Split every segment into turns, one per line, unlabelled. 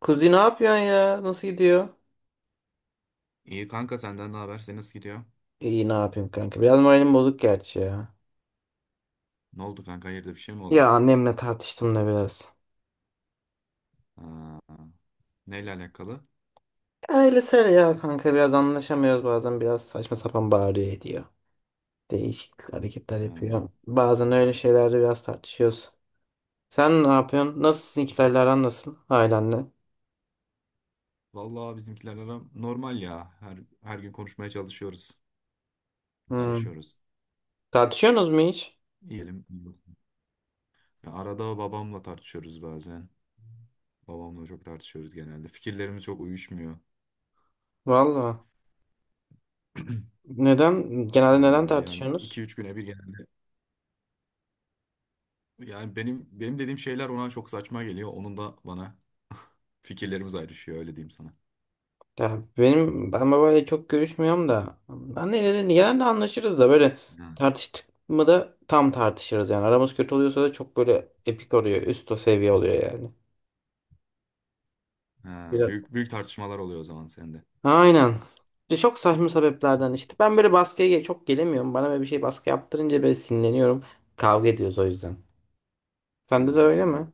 Kuzi ne yapıyorsun ya? Nasıl gidiyor?
İyi kanka senden ne haber? Senin nasıl gidiyor?
İyi ne yapayım kanka. Biraz moralim bozuk gerçi ya.
Ne oldu kanka? Hayırdır bir şey mi oldu?
Ya annemle tartıştım da biraz.
Ha, neyle alakalı?
Ailesel ya kanka, biraz anlaşamıyoruz, bazen biraz saçma sapan bağırıyor ediyor. Değişik hareketler
Ha,
yapıyor. Bazen öyle şeylerde biraz tartışıyoruz. Sen ne yapıyorsun? Nasıl,
uf.
sizinkilerle aran nasıl? Ailenle.
Vallahi bizimkiler ara normal ya. Her gün konuşmaya çalışıyoruz.
Hmm.
Araşıyoruz.
Tartışıyorsunuz mu hiç?
İyiyelim. Ya arada babamla tartışıyoruz bazen. Babamla çok tartışıyoruz genelde. Fikirlerimiz çok uyuşmuyor.
Valla. Neden? Genelde neden
Vallahi öyle yani iki
tartışıyorsunuz?
üç güne bir genelde. Yani benim dediğim şeyler ona çok saçma geliyor. Onun da bana fikirlerimiz ayrışıyor öyle diyeyim sana.
Ya ben babayla çok görüşmüyorum da, anneyle genelde anlaşırız da, böyle
Ha.
tartıştık mı da tam tartışırız yani, aramız kötü oluyorsa da çok böyle epik oluyor, üst o seviye oluyor yani.
Ha,
Biraz.
büyük büyük tartışmalar oluyor o zaman sende.
Aynen. İşte çok saçma sebeplerden, işte ben böyle baskıya çok gelemiyorum, bana böyle bir şey baskı yaptırınca böyle sinirleniyorum, kavga ediyoruz o yüzden.
Ha,
Sende de öyle mi?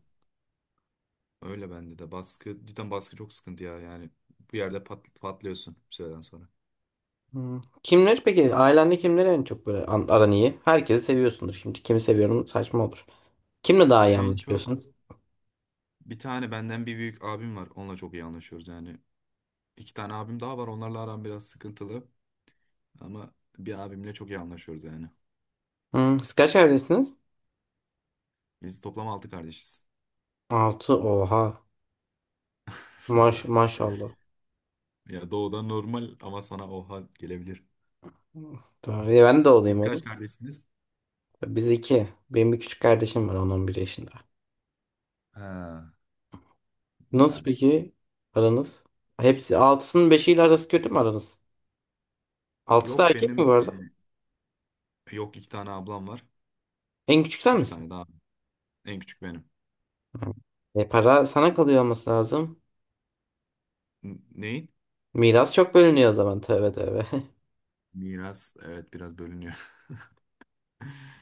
öyle bende de baskı cidden baskı çok sıkıntı ya yani bu yerde patlıyorsun bir süreden sonra.
Hmm. Kimleri peki ailende, kimleri en çok böyle aran iyi? Herkesi seviyorsundur şimdi, kimi seviyorum saçma olur. Kimle daha iyi
En çok
anlaşıyorsun?
bir tane benden bir büyük abim var onunla çok iyi anlaşıyoruz yani. İki tane abim daha var onlarla aram biraz sıkıntılı ama bir abimle çok iyi anlaşıyoruz yani.
Hmm. Siz kaç evlisiniz?
Biz toplam altı kardeşiz.
Altı, oha. Maş maşallah.
Ya doğudan normal ama sana oha gelebilir.
Tamam. Ben de olayım
Siz kaç
oğlum.
kardeşsiniz?
Biz iki. Benim bir küçük kardeşim var, 10 bir yaşında.
Ha,
Nasıl
güzel.
peki aranız? Hepsi, altısının beşiyle arası kötü mü aranız? Altısı da
Yok
erkek mi bu
benim
arada?
yok iki tane ablam var.
En küçük sen
Üç
misin?
tane daha. En küçük benim.
Hı. E, para sana kalıyor olması lazım.
Neyin?
Miras çok bölünüyor o zaman. Tövbe tövbe.
Miras evet biraz bölünüyor.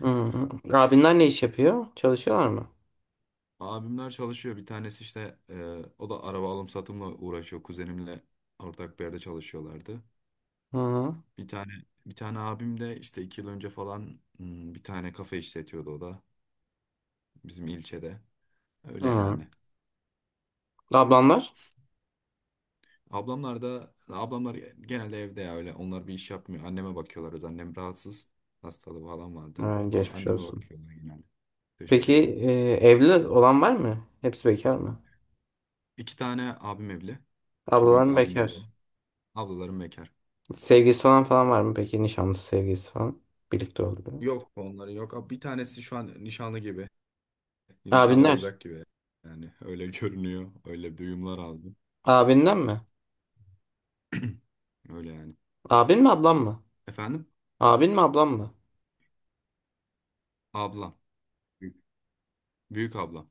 Hı hı. Abinler ne iş yapıyor? Çalışıyorlar mı?
Abimler çalışıyor. Bir tanesi işte o da araba alım satımla uğraşıyor. Kuzenimle ortak bir yerde çalışıyorlardı.
Hı hı.
Bir tane bir tane abim de işte 2 yıl önce falan bir tane kafe işletiyordu o da bizim ilçede. Öyle
Hı.
yani.
Ablanlar?
Ablamlar da ablamlar genelde evde ya öyle. Onlar bir iş yapmıyor. Anneme bakıyorlar. Öz annem rahatsız. Hastalığı falan vardı.
Ha,
Ama
geçmiş
anneme
olsun.
bakıyorlar genelde.
Peki
Teşekkür ederim.
e, evli olan var mı? Hepsi bekar mı?
İki tane abim evli. İki büyük
Ablalarım
abim evli.
bekar.
Ablalarım bekar.
Sevgilisi falan falan var mı peki? Nişanlısı, sevgilisi falan. Birlikte oldu.
Yok onları yok. Abi, bir tanesi şu an nişanlı gibi. Nişanlı
Abinler.
olacak gibi. Yani öyle görünüyor. Öyle duyumlar aldım.
Abinden mi?
Öyle yani.
Abin mi, ablam mı?
Efendim?
Abin mi, ablam mı?
Ablam. Büyük, büyük ablam.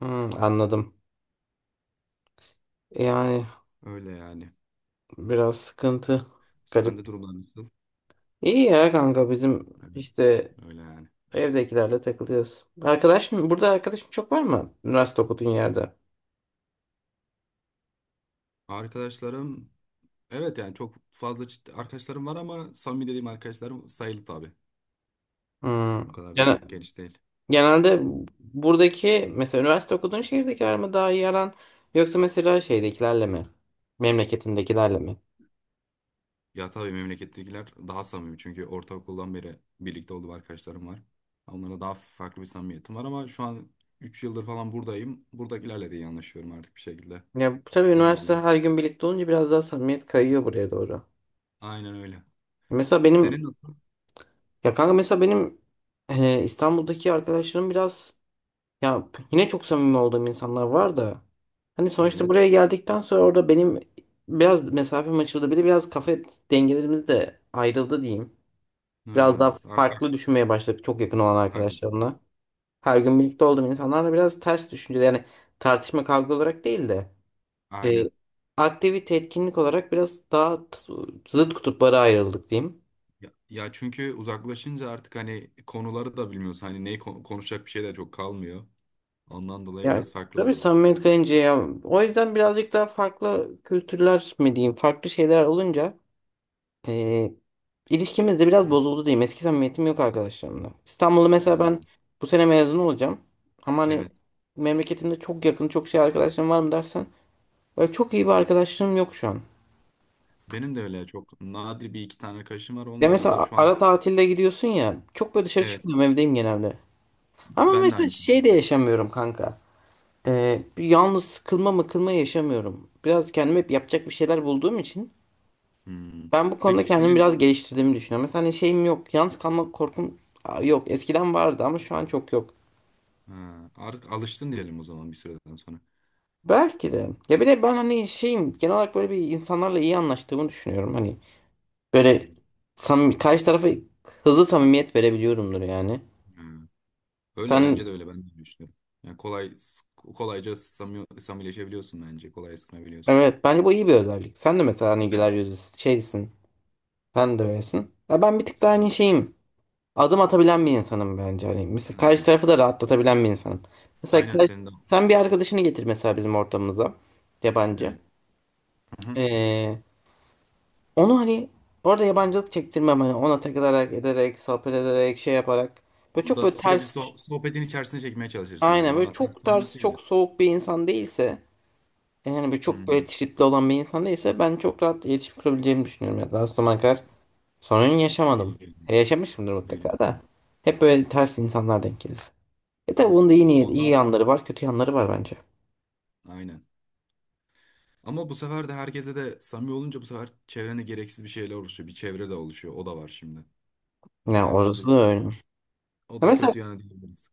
Hmm, anladım. Yani
Öyle yani.
biraz sıkıntı. Garip.
Sende durumlar nasıl?
İyi ya kanka, bizim
Öyle
işte
öyle yani.
evdekilerle takılıyoruz. Arkadaş mı? Burada arkadaşın çok var mı? Üniversite okuduğun yerde.
Arkadaşlarım evet yani çok fazla arkadaşlarım var ama samimi dediğim arkadaşlarım sayılı tabii.
Hmm.
O kadar da
Yani,
çok geniş değil.
genelde buradaki mesela üniversite okuduğun şehirdekiler mi daha iyi aran, yoksa mesela şeydekilerle mi? Memleketindekilerle mi?
Ya tabii memlekettekiler daha samimi çünkü ortaokuldan beri birlikte olduğum arkadaşlarım var. Onlara daha farklı bir samimiyetim var ama şu an 3 yıldır falan buradayım. Buradakilerle de iyi anlaşıyorum artık bir şekilde.
Ya tabii
Onlarla
üniversite,
da.
her gün birlikte olunca biraz daha samimiyet kayıyor buraya doğru.
Aynen öyle.
Mesela benim,
Senin nasıl?
ya kanka mesela benim, İstanbul'daki arkadaşlarım biraz, ya yine çok samimi olduğum insanlar var da hani sonuçta
Evet.
buraya geldikten sonra orada benim biraz mesafem açıldı. Bir de biraz kafa dengelerimiz de ayrıldı diyeyim. Biraz daha
Ha, artık
farklı düşünmeye başladık çok yakın olan
farklı düşünüyorsun.
arkadaşlarımla. Her gün birlikte olduğum insanlarla biraz ters düşünce, yani tartışma, kavga olarak değil de e,
Aynen.
aktivite, etkinlik olarak biraz daha zıt kutuplara ayrıldık diyeyim.
Ya çünkü uzaklaşınca artık hani konuları da bilmiyorsun. Hani neyi konuşacak bir şey de çok kalmıyor. Ondan dolayı
Yani
biraz farklı
tabii
oldu.
samimiyet kayınca ya, o yüzden birazcık daha farklı kültürler mi diyeyim, farklı şeyler olunca e, ilişkimiz de biraz bozuldu diyeyim. Eski samimiyetim yok arkadaşlarımla. İstanbul'da mesela
Ha,
ben bu sene mezun olacağım ama hani
evet.
memleketimde çok yakın çok şey arkadaşlarım var mı dersen, böyle çok iyi bir arkadaşlığım yok şu an.
Benim de öyle çok nadir bir iki tane arkadaşım var.
Ya
Onlarla da
mesela
şu
ara
an.
tatilde gidiyorsun ya. Çok böyle dışarı
Evet,
çıkmıyorum, evdeyim genelde. Ama
ben de
mesela
aynı
şey de
şekilde.
yaşamıyorum kanka. Bir yalnız sıkılma mıkılma yaşamıyorum. Biraz kendime hep yapacak bir şeyler bulduğum için
Hmm.
ben bu konuda
Peki
kendimi
senin,
biraz geliştirdiğimi düşünüyorum. Mesela hani şeyim yok. Yalnız kalma korkum yok. Eskiden vardı ama şu an çok yok.
ha, artık alıştın diyelim o zaman bir süreden sonra.
Belki de. Ya bir de ben hani şeyim, genel olarak böyle bir insanlarla iyi anlaştığımı düşünüyorum. Hani böyle
Hmm.
samimi, karşı tarafa hızlı samimiyet verebiliyorumdur yani.
Ha,
Sen
öyle bence de öyle ben de düşünüyorum. Yani kolayca samileşebiliyorsun bence. Kolay ısınabiliyorsun.
Evet, bence bu iyi bir özellik. Sen de mesela
Ben,
Nilgüler Yüzüsü şeysin. Sen de öylesin. Ya ben bir tık daha hani
senin,
şeyim. Adım atabilen bir insanım bence. Hani mesela
ha,
karşı tarafı da rahatlatabilen bir insanım. Mesela
aynen senin de
sen bir arkadaşını getir mesela bizim ortamımıza. Yabancı.
evet. Hı-hı.
Ee, onu hani orada yabancılık çektirmem. Hani ona takılarak, ederek, sohbet ederek, şey yaparak. Böyle
Onu
çok
da
böyle
sürekli
ters.
sohbetin içerisine çekmeye çalışırsın yani.
Aynen, böyle
Ona
çok
ters olmak
ters,
değil ya.
çok soğuk bir insan değilse. Yani böyle çok böyle
Hmm.
tripli olan bir insan değilse, ben çok rahat iletişim kurabileceğimi düşünüyorum. Ya daha sonra. Sorun yaşamadım.
Biliyorum.
Yaşamışımdır mutlaka da.
Biliyorum.
Hep böyle ters insanlar denk gelir. E de
Hı.
bunun da iyi
Ya
niyet,
o
iyi
da
yanları var, kötü yanları var bence.
aynen. Ama bu sefer de herkese de samimi olunca bu sefer çevrene gereksiz bir şeyler oluşuyor. Bir çevre de oluşuyor. O da var şimdi. Hani
Yani
herkese
orası da öyle.
o
Ya
da
mesela,
kötü yani diyebiliriz.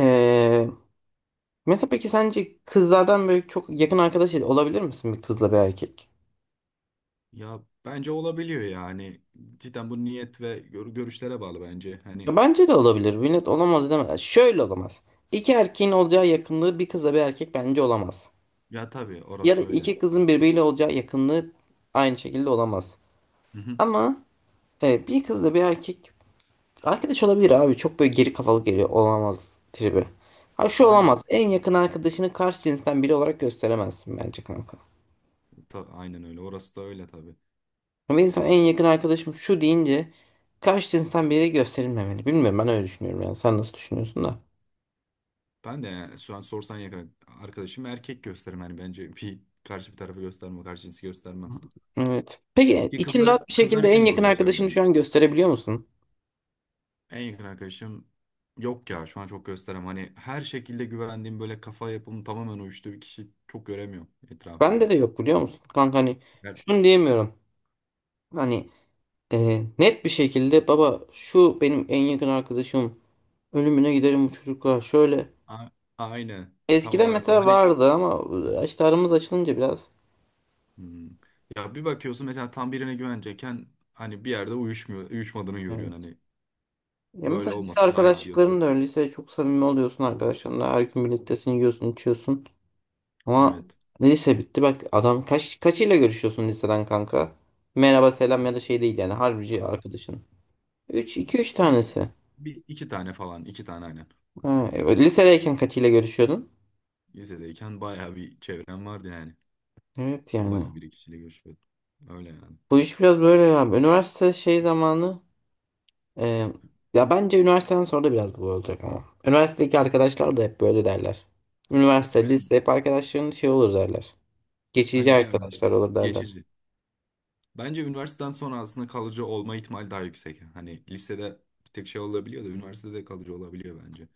e, mesela peki, sence kızlardan böyle çok yakın arkadaş olabilir misin, bir kızla bir erkek?
Ya bence olabiliyor yani. Cidden bu niyet ve görüşlere bağlı bence. Hani,
Ya bence de olabilir. Millet olamaz deme. Şöyle olamaz. İki erkeğin olacağı yakınlığı bir kızla bir erkek bence olamaz.
ya tabii
Ya da
orası öyle.
iki kızın birbiriyle olacağı yakınlığı aynı şekilde olamaz.
Hı hı.
Ama bir kızla bir erkek arkadaş olabilir abi. Çok böyle geri kafalı geliyor olamaz tribi. Ha, şu olamaz:
Aynen.
en yakın arkadaşını karşı cinsten biri olarak gösteremezsin bence kanka.
Aynen öyle. Orası da öyle tabii.
Ama insan en yakın arkadaşım şu deyince, karşı cinsten biri gösterilmemeli. Bilmiyorum, ben öyle düşünüyorum yani. Sen nasıl düşünüyorsun da?
Ben de yani şu an sorsan yakın arkadaşım erkek gösterim yani bence bir karşı bir tarafı göstermem, karşı cinsi göstermem.
Evet. Peki
Ki
için
kızlar
rahat bir
kızlar
şekilde en
için de o
yakın
geçerli
arkadaşını şu
bence.
an gösterebiliyor musun?
En yakın arkadaşım yok ya şu an çok gösterem. Hani her şekilde güvendiğim böyle kafa yapım tamamen uyuştuğu bir kişi çok göremiyorum etrafımda.
Bende de yok, biliyor musun? Kanka hani
Evet.
şunu diyemiyorum. Hani e, net bir şekilde baba şu benim en yakın arkadaşım, ölümüne giderim bu çocuklar. Şöyle.
A- Aynen tam
Eskiden
olarak o.
mesela
Hani,
vardı ama işte aramız açılınca biraz.
hmm. Ya bir bakıyorsun mesela tam birine güvenecekken hani bir yerde uyuşmadığını görüyorsun
Evet.
hani
Ya
böyle
mesela lise
olmasın daha iyi diyorsun.
arkadaşlıkların da öyle. Lisede çok samimi oluyorsun arkadaşlarınla. Her gün birliktesin, yiyorsun, içiyorsun. Ama
Evet.
lise bitti. Bak adam kaçıyla görüşüyorsun liseden kanka? Merhaba, selam ya da şey değil yani. Harbici
Ha,
arkadaşın. 3 2 3
bir,
tanesi.
bir iki tane falan iki tane aynen.
Ha, lisedeyken kaçıyla görüşüyordun?
Lisedeyken bayağı bir çevrem vardı yani.
Evet yani.
Bayağı bir kişiyle görüşüyordum. Öyle yani.
Bu iş biraz böyle ya. Üniversite şey zamanı. Ee, ya bence üniversiteden sonra da biraz bu olacak ama. Üniversitedeki arkadaşlar da hep böyle derler. Üniversite,
Aynen.
lise hep arkadaşların şey olur derler. Geçici
Hani bir yerden
arkadaşlar olur derler.
geçici. Bence üniversiteden sonra aslında kalıcı olma ihtimali daha yüksek. Hani lisede bir tek şey olabiliyor da üniversitede kalıcı olabiliyor bence.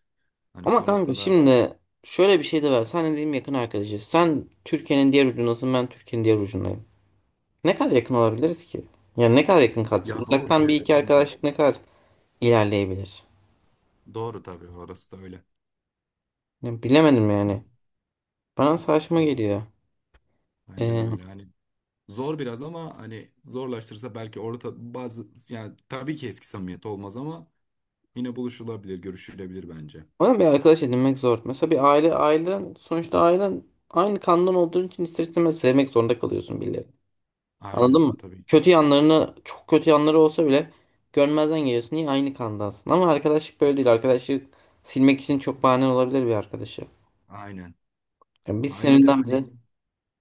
Hani
Ama kanka
sonrasında.
şimdi şöyle bir şey de var. Sen dediğim yakın arkadaşız. Sen Türkiye'nin diğer ucundasın, ben Türkiye'nin diğer ucundayım. Ne kadar yakın olabiliriz ki? Yani ne kadar yakın kalacağız?
Ya, doğru,
Uzaktan bir
evet,
iki
tamam.
arkadaşlık ne kadar ilerleyebilir?
Doğru tabii orası da öyle.
Ya bilemedim yani. Bana
Hı.
saçma geliyor.
Bence de öyle. Hani zor biraz ama hani zorlaştırırsa belki orta bazı yani tabii ki eski samimiyet olmaz ama yine buluşulabilir, görüşülebilir bence.
Ama bir arkadaş edinmek zor. Mesela bir ailen, sonuçta ailen aynı kandan olduğun için ister istemez sevmek zorunda kalıyorsun birilerini. Anladın
Aynen
mı?
tabii.
Kötü yanlarını, çok kötü yanları olsa bile görmezden geliyorsun. Niye aynı kandansın? Ama arkadaşlık böyle değil. Arkadaşlık silmek için çok bahane olabilir, bir arkadaşı.
Aynen.
Yani biz
Ailede
seninle bile.
hani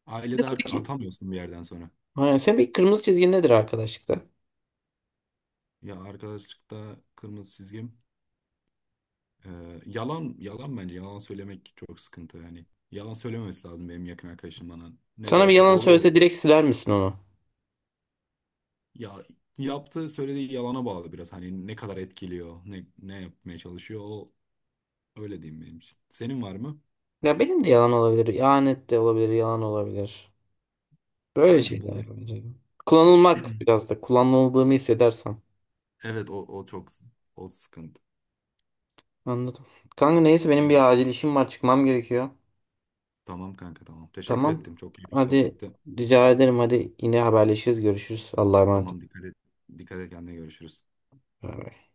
ailede
Mesela
artık
peki.
atamıyorsun bir yerden sonra.
Aynen. Senin bir kırmızı çizgin nedir arkadaşlıkta?
Ya arkadaşlıkta kırmızı çizgim, yalan, yalan bence yalan söylemek çok sıkıntı yani. Yalan söylememesi lazım benim yakın arkadaşım bana. Ne de
Sana bir
olsa
yalan
doğru da.
söylese direkt siler misin onu?
Ya yaptığı söylediği yalana bağlı biraz hani ne kadar etkiliyor, ne yapmaya çalışıyor o öyle diyeyim benim için. Senin var mı?
Ya benim de yalan olabilir. İhanet de olabilir. Yalan olabilir. Böyle
Aynen bunlar.
şeyler bence. Kullanılmak, biraz da kullanıldığımı hissedersem.
Evet o çok o sıkıntı.
Anladım. Kanka neyse, benim
Öyle.
bir acil işim var, çıkmam gerekiyor.
Tamam kanka tamam. Teşekkür
Tamam.
ettim. Çok keyifli
Hadi
sohbetti.
rica ederim, hadi yine haberleşiriz, görüşürüz. Allah'a emanet ol.
Tamam dikkat et. Dikkat et kendine görüşürüz.
Bay bay.